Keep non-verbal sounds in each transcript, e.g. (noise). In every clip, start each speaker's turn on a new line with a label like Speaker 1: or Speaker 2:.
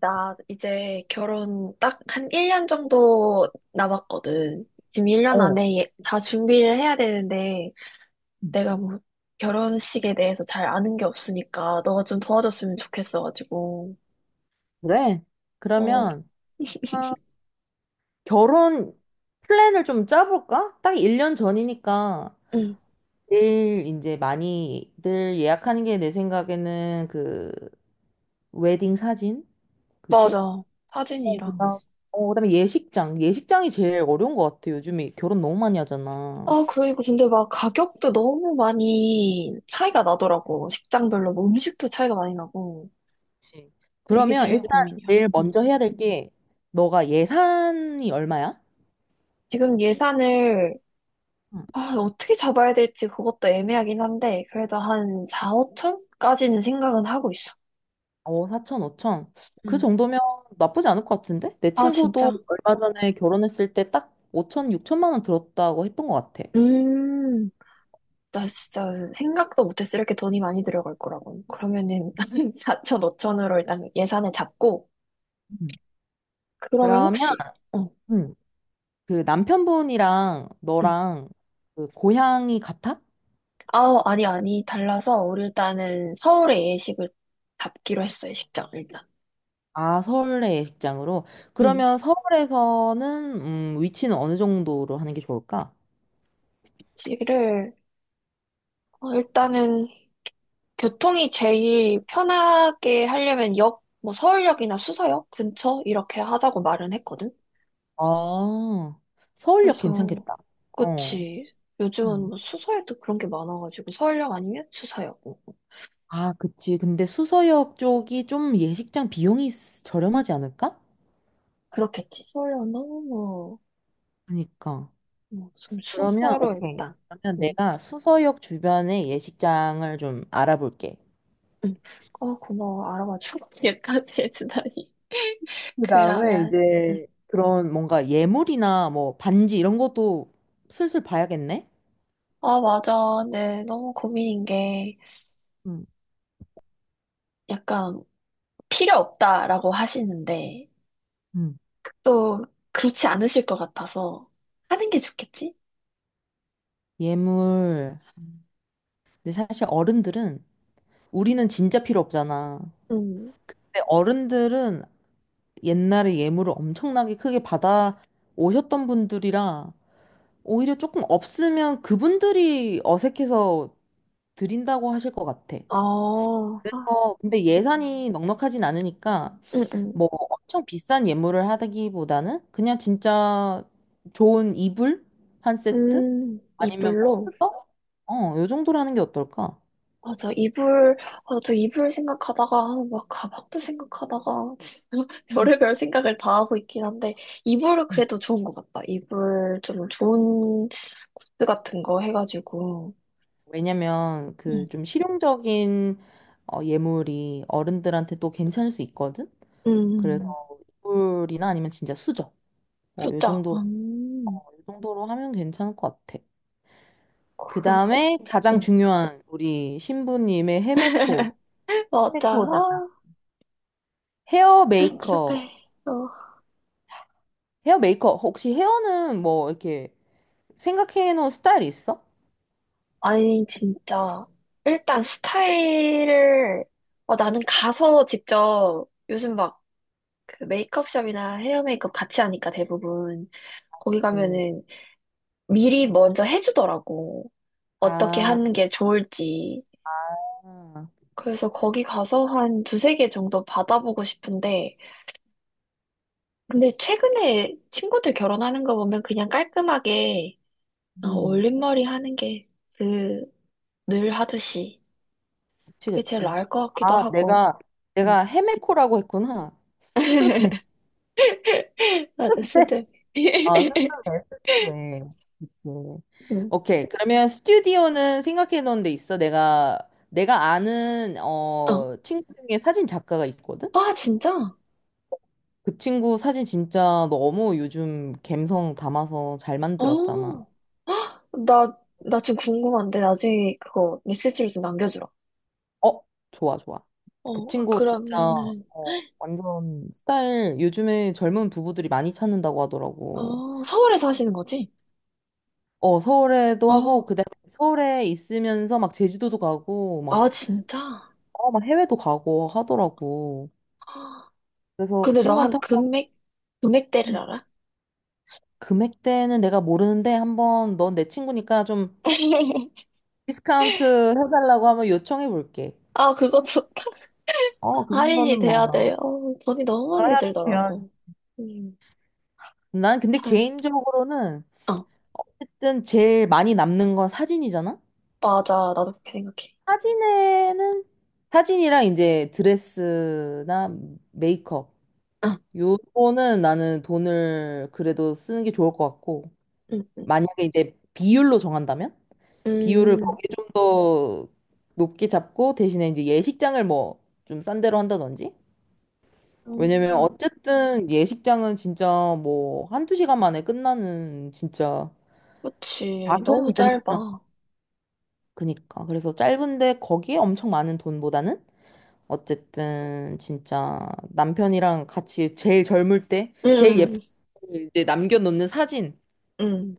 Speaker 1: 나 이제 결혼 딱 한 1년 정도 남았거든. 지금 1년
Speaker 2: 어,
Speaker 1: 안에 다 준비를 해야 되는데, 내가 뭐 결혼식에 대해서 잘 아는 게 없으니까, 너가 좀 도와줬으면 좋겠어가지고.
Speaker 2: 그래?
Speaker 1: 어,
Speaker 2: 그러면
Speaker 1: (laughs)
Speaker 2: 아, 결혼 플랜을 좀 짜볼까? 딱 1년 전이니까
Speaker 1: 응,
Speaker 2: 제일 이제 많이들 예약하는 게 내 생각에는 그 웨딩 사진? 그지?
Speaker 1: 맞아.
Speaker 2: 어,
Speaker 1: 사진이랑.
Speaker 2: 그다음에 예식장. 예식장이 제일 어려운 것 같아. 요즘에 결혼 너무 많이 하잖아.
Speaker 1: 아, 그리고 근데 막 가격도 너무 많이 차이가 나더라고. 식장별로 뭐 음식도 차이가 많이 나고.
Speaker 2: 그치.
Speaker 1: 근데 이게
Speaker 2: 그러면
Speaker 1: 제일
Speaker 2: 일단
Speaker 1: 고민이야.
Speaker 2: 제일
Speaker 1: 응.
Speaker 2: 먼저 해야 될 게 너가 예산이 얼마야?
Speaker 1: 지금 예산을, 아, 어떻게 잡아야 될지 그것도 애매하긴 한데, 그래도 한 4, 5천까지는 생각은 하고 있어.
Speaker 2: 어, 4천, 5천. 그
Speaker 1: 응.
Speaker 2: 정도면 나쁘지 않을 것 같은데? 내
Speaker 1: 아,
Speaker 2: 친구도
Speaker 1: 진짜.
Speaker 2: 얼마 전에 결혼했을 때 딱 5천, 6천만 원 들었다고 했던 것 같아.
Speaker 1: 음, 나 진짜 생각도 못했어. 이렇게 돈이 많이 들어갈 거라고. 그러면은 (laughs) 4천, 5천으로 일단 예산을 잡고,
Speaker 2: 음.
Speaker 1: 그러면
Speaker 2: 그러면
Speaker 1: 혹시, 어,
Speaker 2: 음, 그 남편분이랑
Speaker 1: 응.
Speaker 2: 너랑 그 고향이 같아?
Speaker 1: 아, 아니, 아니. 달라서, 우리 일단은 서울의 예식을 잡기로 했어, 예식장, 일단.
Speaker 2: 아, 서울의 예식장으로.
Speaker 1: 응.
Speaker 2: 그러면 서울에서는 위치는 어느 정도로 하는 게 좋을까?
Speaker 1: 예식을, 어, 일단은 교통이 제일 편하게 하려면 역, 뭐 서울역이나 수서역 근처 이렇게 하자고 말은 했거든.
Speaker 2: 아, 서울역
Speaker 1: 그래서
Speaker 2: 괜찮겠다. 어.
Speaker 1: 그치. 요즘은
Speaker 2: 음.
Speaker 1: 뭐 수서에도 그런 게 많아가지고 서울역 아니면 수서역. 뭐, 뭐.
Speaker 2: 아, 그치. 근데 수서역 쪽이 좀 예식장 비용이 저렴하지 않을까?
Speaker 1: 그렇겠지. 서울역은 너무 뭐,
Speaker 2: 그러니까.
Speaker 1: 뭐, 좀
Speaker 2: 그러면,
Speaker 1: 순서로
Speaker 2: 오케이.
Speaker 1: 일단.
Speaker 2: 그러면
Speaker 1: 응,
Speaker 2: 내가 수서역 주변의 예식장을 좀 알아볼게.
Speaker 1: 응. 어, 고마워. 알아봐주고 (laughs) 여기까지 해주다니.
Speaker 2: 그 다음에
Speaker 1: 그러면, 응.
Speaker 2: 이제 그런 뭔가 예물이나 뭐 반지 이런 것도 슬슬 봐야겠네?
Speaker 1: 아, 맞아. 네, 너무 고민인 게
Speaker 2: 응,
Speaker 1: 약간 필요 없다라고 하시는데.
Speaker 2: 음.
Speaker 1: 또 그렇지 않으실 것 같아서 하는 게 좋겠지?
Speaker 2: 예물. 근데 사실 어른들은 우리는 진짜 필요 없잖아.
Speaker 1: 음.
Speaker 2: 근데 어른들은 옛날에 예물을 엄청나게 크게 받아 오셨던 분들이라 오히려 조금 없으면 그분들이 어색해서 드린다고 하실 것 같아.
Speaker 1: 어, 아,
Speaker 2: 그래서 근데 예산이 넉넉하진 않으니까
Speaker 1: 음, 음.
Speaker 2: 뭐 엄청 비싼 예물을 하기보다는 그냥 진짜 좋은 이불 한 세트 아니면 뭐
Speaker 1: 이불로?
Speaker 2: 수저 요 정도로 하는 게 어떨까?
Speaker 1: 맞아, 이불, 아, 저 이불 생각하다가, 막 가방도 생각하다가, 진짜 (laughs)
Speaker 2: 음,
Speaker 1: 별의별 생각을 다 하고 있긴 한데, 이불은
Speaker 2: 음.
Speaker 1: 그래도 좋은 것 같다. 이불 좀 좋은 굿즈 같은 거 해가지고,
Speaker 2: 왜냐면
Speaker 1: 응.
Speaker 2: 그 좀 실용적인 예물이 어른들한테 또 괜찮을 수 있거든. 그래서
Speaker 1: 음,
Speaker 2: 이불이나 아니면 진짜 수저 요
Speaker 1: 진짜,
Speaker 2: 정도로 하면 괜찮을 것 같아. 그 다음에
Speaker 1: 그러고,
Speaker 2: 가장
Speaker 1: 어,
Speaker 2: 중요한 우리 신부님의 헤메코
Speaker 1: (laughs) 맞아, 아,
Speaker 2: 헤어
Speaker 1: 궁금해.
Speaker 2: 메이커, 헤어 메이커, 혹시 헤어는 뭐 이렇게 생각해 놓은 스타일이 있어?
Speaker 1: 아니, 진짜. 일단 스타일을, 어, 나는 가서 직접 요즘 막 그 메이크업샵이나 헤어 메이크업 같이 하니까 대부분 거기
Speaker 2: 음,
Speaker 1: 가면은 미리 먼저 해주더라고. 어떻게
Speaker 2: 아,
Speaker 1: 하는 게 좋을지. 그래서 거기 가서 한 두세 개 정도 받아보고 싶은데, 근데 최근에 친구들 결혼하는 거 보면 그냥 깔끔하게 어,
Speaker 2: 음,
Speaker 1: 올림머리 하는 게 그 늘 하듯이
Speaker 2: 그치,
Speaker 1: 그게 제일
Speaker 2: 그치.
Speaker 1: 나을 것 같기도
Speaker 2: 아,
Speaker 1: 하고. 음.
Speaker 2: 내가 헤메코라고 했구나. 스드메, (laughs)
Speaker 1: 맞아,
Speaker 2: 스드메.
Speaker 1: 스드비.
Speaker 2: 아,
Speaker 1: (laughs)
Speaker 2: 스드메, 스드메. 그치.
Speaker 1: 응.
Speaker 2: 오케이. 그러면 스튜디오는 생각해 놓은 데 있어? 내가 아는,
Speaker 1: 어.
Speaker 2: 친구 중에 사진 작가가 있거든?
Speaker 1: 아, 진짜?
Speaker 2: 그 친구 사진 진짜 너무 요즘 감성 담아서 잘 만들었잖아.
Speaker 1: 어. 헉, 나 지금 궁금한데, 나중에 그거 메시지로 좀 남겨주라.
Speaker 2: 어, 좋아, 좋아. 그
Speaker 1: 어, 아,
Speaker 2: 친구 진짜
Speaker 1: 그러면은,
Speaker 2: 완전 스타일 요즘에 젊은 부부들이 많이 찾는다고 하더라고.
Speaker 1: 어, 서울에서 하시는 거지?
Speaker 2: 어, 서울에도 하고
Speaker 1: 어.
Speaker 2: 그다음에 서울에 있으면서 막 제주도도 가고 막,
Speaker 1: 아, 진짜?
Speaker 2: 어, 막 해외도 가고 하더라고.
Speaker 1: 헉,
Speaker 2: 그래서 그
Speaker 1: 근데 나 한
Speaker 2: 친구한테 한번
Speaker 1: 금액, 금액대를 알아?
Speaker 2: 금액대는 내가 모르는데 한번 넌 내 친구니까 좀
Speaker 1: (laughs)
Speaker 2: 디스카운트 해달라고 한번 요청해 볼게.
Speaker 1: 아, 그거 좋다.
Speaker 2: 어, 그
Speaker 1: 할인이
Speaker 2: 정도는 뭐.
Speaker 1: 돼야
Speaker 2: 뭐.
Speaker 1: 돼요. 어, 돈이 너무 많이
Speaker 2: 해야
Speaker 1: 들더라고. 음,
Speaker 2: 난 근데
Speaker 1: 잘,
Speaker 2: 개인적으로는
Speaker 1: 어,
Speaker 2: 어쨌든 제일 많이 남는 건 사진이잖아?
Speaker 1: 맞아. 나도 그렇게 생각해.
Speaker 2: 사진에는 사진이랑 이제 드레스나 메이크업
Speaker 1: 어,
Speaker 2: 요거는 나는 돈을 그래도 쓰는 게 좋을 것 같고
Speaker 1: 음, 음,
Speaker 2: 만약에 이제 비율로 정한다면 비율을
Speaker 1: 음,
Speaker 2: 거기에 좀 더 높게 잡고 대신에 이제 예식장을 뭐 좀 싼 데로 한다든지 왜냐면
Speaker 1: 음.
Speaker 2: 어쨌든 예식장은 진짜 뭐 한두 시간 만에 끝나는 진짜
Speaker 1: 그치.
Speaker 2: 작은
Speaker 1: 너무
Speaker 2: 이벤트
Speaker 1: 짧아.
Speaker 2: 그니까. 그래서 짧은데 거기에 엄청 많은 돈보다는 어쨌든 진짜 남편이랑 같이 제일 젊을 때, 제일
Speaker 1: 응,
Speaker 2: 예쁘게 이제 남겨놓는 사진,
Speaker 1: 응.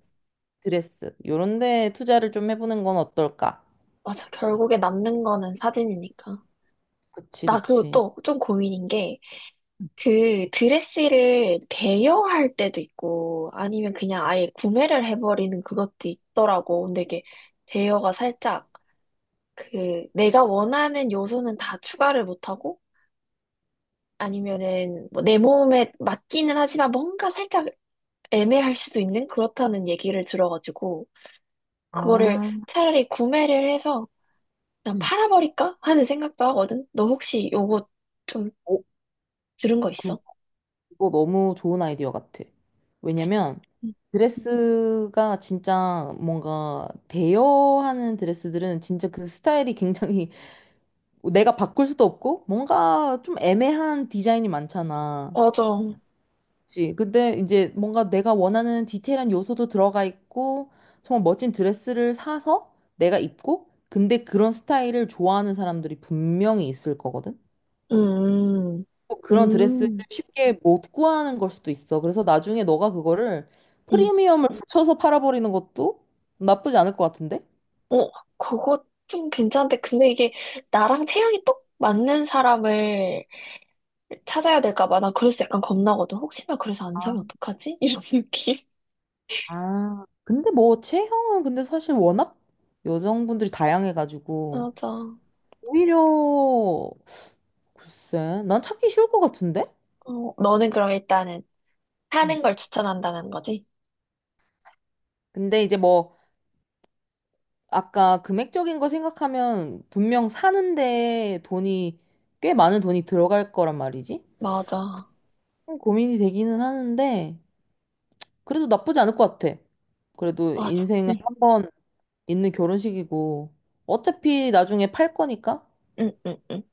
Speaker 2: 드레스, 요런 데 투자를 좀 해보는 건 어떨까?
Speaker 1: 맞아. 결국에 남는 거는 사진이니까.
Speaker 2: 그치,
Speaker 1: 나 그리고
Speaker 2: 그치.
Speaker 1: 또 좀 고민인 게, 그 드레스를 대여할 때도 있고, 아니면 그냥 아예 구매를 해버리는 그것도 있더라고. 근데 이게 대여가 살짝, 그, 내가 원하는 요소는 다 추가를 못하고, 아니면은 뭐 내 몸에 맞기는 하지만 뭔가 살짝 애매할 수도 있는 그렇다는 얘기를 들어가지고, 그거를
Speaker 2: 아,
Speaker 1: 차라리 구매를 해서 그냥
Speaker 2: 음.
Speaker 1: 팔아버릴까 하는 생각도 하거든. 너 혹시 요거 좀
Speaker 2: 어,
Speaker 1: 들은 거
Speaker 2: 그,
Speaker 1: 있어?
Speaker 2: 그거 너무 좋은 아이디어 같아. 왜냐면
Speaker 1: 응.
Speaker 2: 드레스가 진짜 뭔가 대여하는 드레스들은 진짜 그 스타일이 굉장히 내가 바꿀 수도 없고 뭔가 좀 애매한 디자인이 많잖아.
Speaker 1: 맞아.
Speaker 2: 그치? 근데 이제 뭔가 내가 원하는 디테일한 요소도 들어가 있고 정말 멋진 드레스를 사서 내가 입고 근데 그런 스타일을 좋아하는 사람들이 분명히 있을 거거든.
Speaker 1: 음,
Speaker 2: 또 그런 드레스를
Speaker 1: 음,
Speaker 2: 쉽게 못 구하는 걸 수도 있어. 그래서 나중에 너가 그거를
Speaker 1: 음.
Speaker 2: 프리미엄을 붙여서 팔아버리는 것도 나쁘지 않을 것 같은데?
Speaker 1: 어, 그거 좀 괜찮은데. 근데 이게 나랑 체형이 똑 맞는 사람을 찾아야 될까 봐. 나 그래서 약간 겁나거든. 혹시나 그래서 안 사면
Speaker 2: 아,
Speaker 1: 어떡하지? 이런 (laughs) 느낌.
Speaker 2: 아. 근데 뭐 체형은 근데 사실 워낙 여성분들이 다양해가지고
Speaker 1: 맞아. 어,
Speaker 2: 오히려 글쎄, 난 찾기 쉬울 것 같은데?
Speaker 1: 너는 그럼 일단은
Speaker 2: 음.
Speaker 1: 사는 걸 추천한다는 거지?
Speaker 2: 근데 이제 뭐, 아까 금액적인 거 생각하면 분명 사는데 꽤 많은 돈이 들어갈 거란 말이지?
Speaker 1: 맞아.
Speaker 2: 좀 고민이 되기는 하는데, 그래도 나쁘지 않을 것 같아. 그래도
Speaker 1: 맞아.
Speaker 2: 인생에
Speaker 1: 응,
Speaker 2: 한 번 있는 결혼식이고, 어차피 나중에 팔 거니까?
Speaker 1: 응, 응, 응.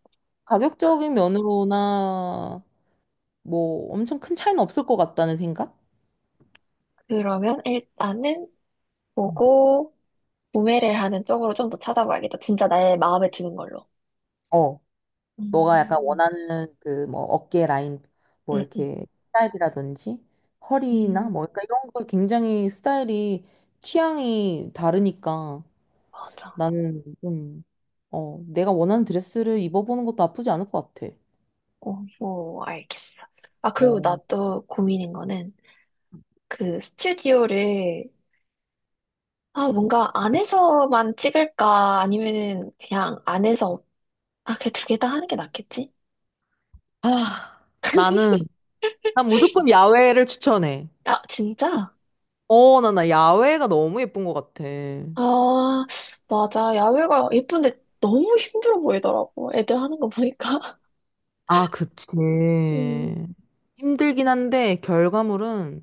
Speaker 2: 가격적인 면으로나, 뭐, 엄청 큰 차이는 없을 것 같다는 생각?
Speaker 1: 그러면 일단은
Speaker 2: 음.
Speaker 1: 보고, 구매를 하는 쪽으로 좀 더 찾아봐야겠다. 진짜 나의 마음에 드는 걸로.
Speaker 2: 어. 너가 약간
Speaker 1: 음,
Speaker 2: 원하는 그 뭐 어깨 라인 뭐
Speaker 1: 응, 응.
Speaker 2: 이렇게 스타일이라든지 허리나
Speaker 1: 음,
Speaker 2: 뭐 그러니까 이런 거 굉장히 스타일이 취향이 다르니까
Speaker 1: 맞아.
Speaker 2: 나는 좀 내가 원하는 드레스를 입어보는 것도 나쁘지 않을 것 같아.
Speaker 1: 오 오, 알겠어. 아, 그리고 나
Speaker 2: 어.
Speaker 1: 또 고민인 거는 그 스튜디오를, 아, 뭔가 안에서만 찍을까? 아니면은 그냥 안에서, 아, 그 두 개 다 하는 게 낫겠지?
Speaker 2: 아, 나는 난 무조건 야외를 추천해.
Speaker 1: 아, 진짜?
Speaker 2: 어, 나 야외가 너무 예쁜 것 같아.
Speaker 1: 아, 맞아. 야외가 예쁜데 너무 힘들어 보이더라고. 애들 하는 거 보니까. (laughs)
Speaker 2: 아, 그치.
Speaker 1: 음,
Speaker 2: 힘들긴 한데 결과물은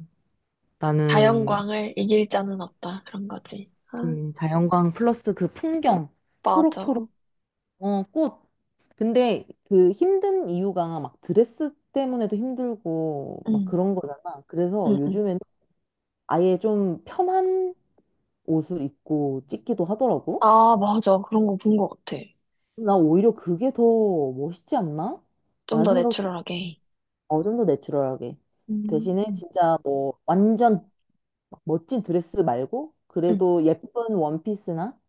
Speaker 2: 나는
Speaker 1: 자연광을 이길 자는 없다. 그런 거지. 아.
Speaker 2: 자연광 플러스 그 풍경,
Speaker 1: 맞아.
Speaker 2: 초록초록, 꽃. 근데 그 힘든 이유가 막 드레스 때문에도 힘들고 막
Speaker 1: 응,
Speaker 2: 그런 거잖아. 그래서
Speaker 1: 응, 응.
Speaker 2: 요즘에는 아예 좀 편한 옷을 입고 찍기도 하더라고.
Speaker 1: 아, 맞아. 그런 거 본 것 같아.
Speaker 2: 나 오히려 그게 더 멋있지 않나?
Speaker 1: 좀
Speaker 2: 라는
Speaker 1: 더
Speaker 2: 생각도
Speaker 1: 내추럴하게.
Speaker 2: 좀 더 내추럴하게.
Speaker 1: 음.
Speaker 2: 대신에 진짜 뭐 완전 막 멋진 드레스 말고
Speaker 1: 응,
Speaker 2: 그래도 예쁜 원피스나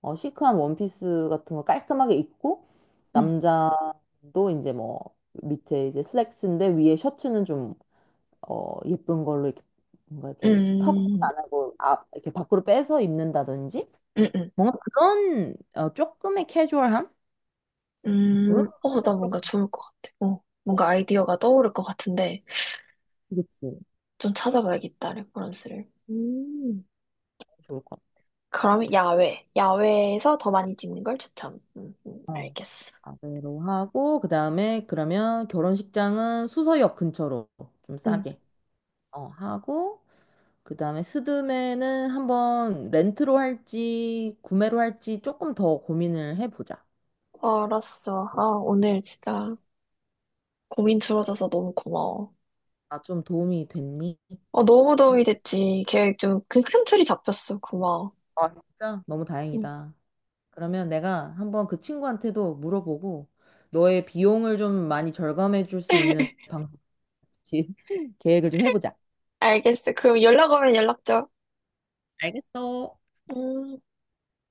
Speaker 2: 어, 시크한 원피스 같은 거 깔끔하게 입고
Speaker 1: 응,
Speaker 2: 남자도 이제 뭐 밑에 이제 슬랙스인데 위에 셔츠는 좀 예쁜 걸로 이렇게 뭔가 이렇게 턱은
Speaker 1: 응,
Speaker 2: 안 하고 앞 이렇게 밖으로 빼서 입는다든지
Speaker 1: 응, 응.
Speaker 2: 뭔가 그런 조금의 캐주얼함 그런
Speaker 1: 어, 나
Speaker 2: 컨셉으로
Speaker 1: 뭔가
Speaker 2: 가면
Speaker 1: 좋을 것 같아. 어, 뭔가 아이디어가 떠오를 것 같은데,
Speaker 2: 그치
Speaker 1: 좀 찾아봐야겠다, 레퍼런스를. 음.
Speaker 2: 좋을 것
Speaker 1: 그러면 야외. 야외에서 더 많이 찍는 걸 추천.
Speaker 2: 같아. 어.
Speaker 1: 알겠어.
Speaker 2: 아래로 하고 그다음에 그러면 결혼식장은 수서역 근처로 좀
Speaker 1: 응,
Speaker 2: 싸게 하고 그 다음에 스드메는 한번 렌트로 할지 구매로 할지 조금 더 고민을 해보자.
Speaker 1: 알았어. 아, 오늘 진짜 고민 줄어져서 너무 고마워.
Speaker 2: 아, 좀 도움이 됐니?
Speaker 1: 어, 너무 도움이 됐지. 계획 좀 큰 틀이 잡혔어. 고마워.
Speaker 2: 아, 진짜? 너무
Speaker 1: 음.
Speaker 2: 다행이다. 그러면 내가 한번 그 친구한테도 물어보고 너의 비용을 좀 많이 절감해 줄 수 있는
Speaker 1: (laughs)
Speaker 2: 방법지 (laughs) 계획을 좀 해보자.
Speaker 1: 알겠어. 그럼 연락 오면 연락 줘.
Speaker 2: 알겠어.
Speaker 1: 음.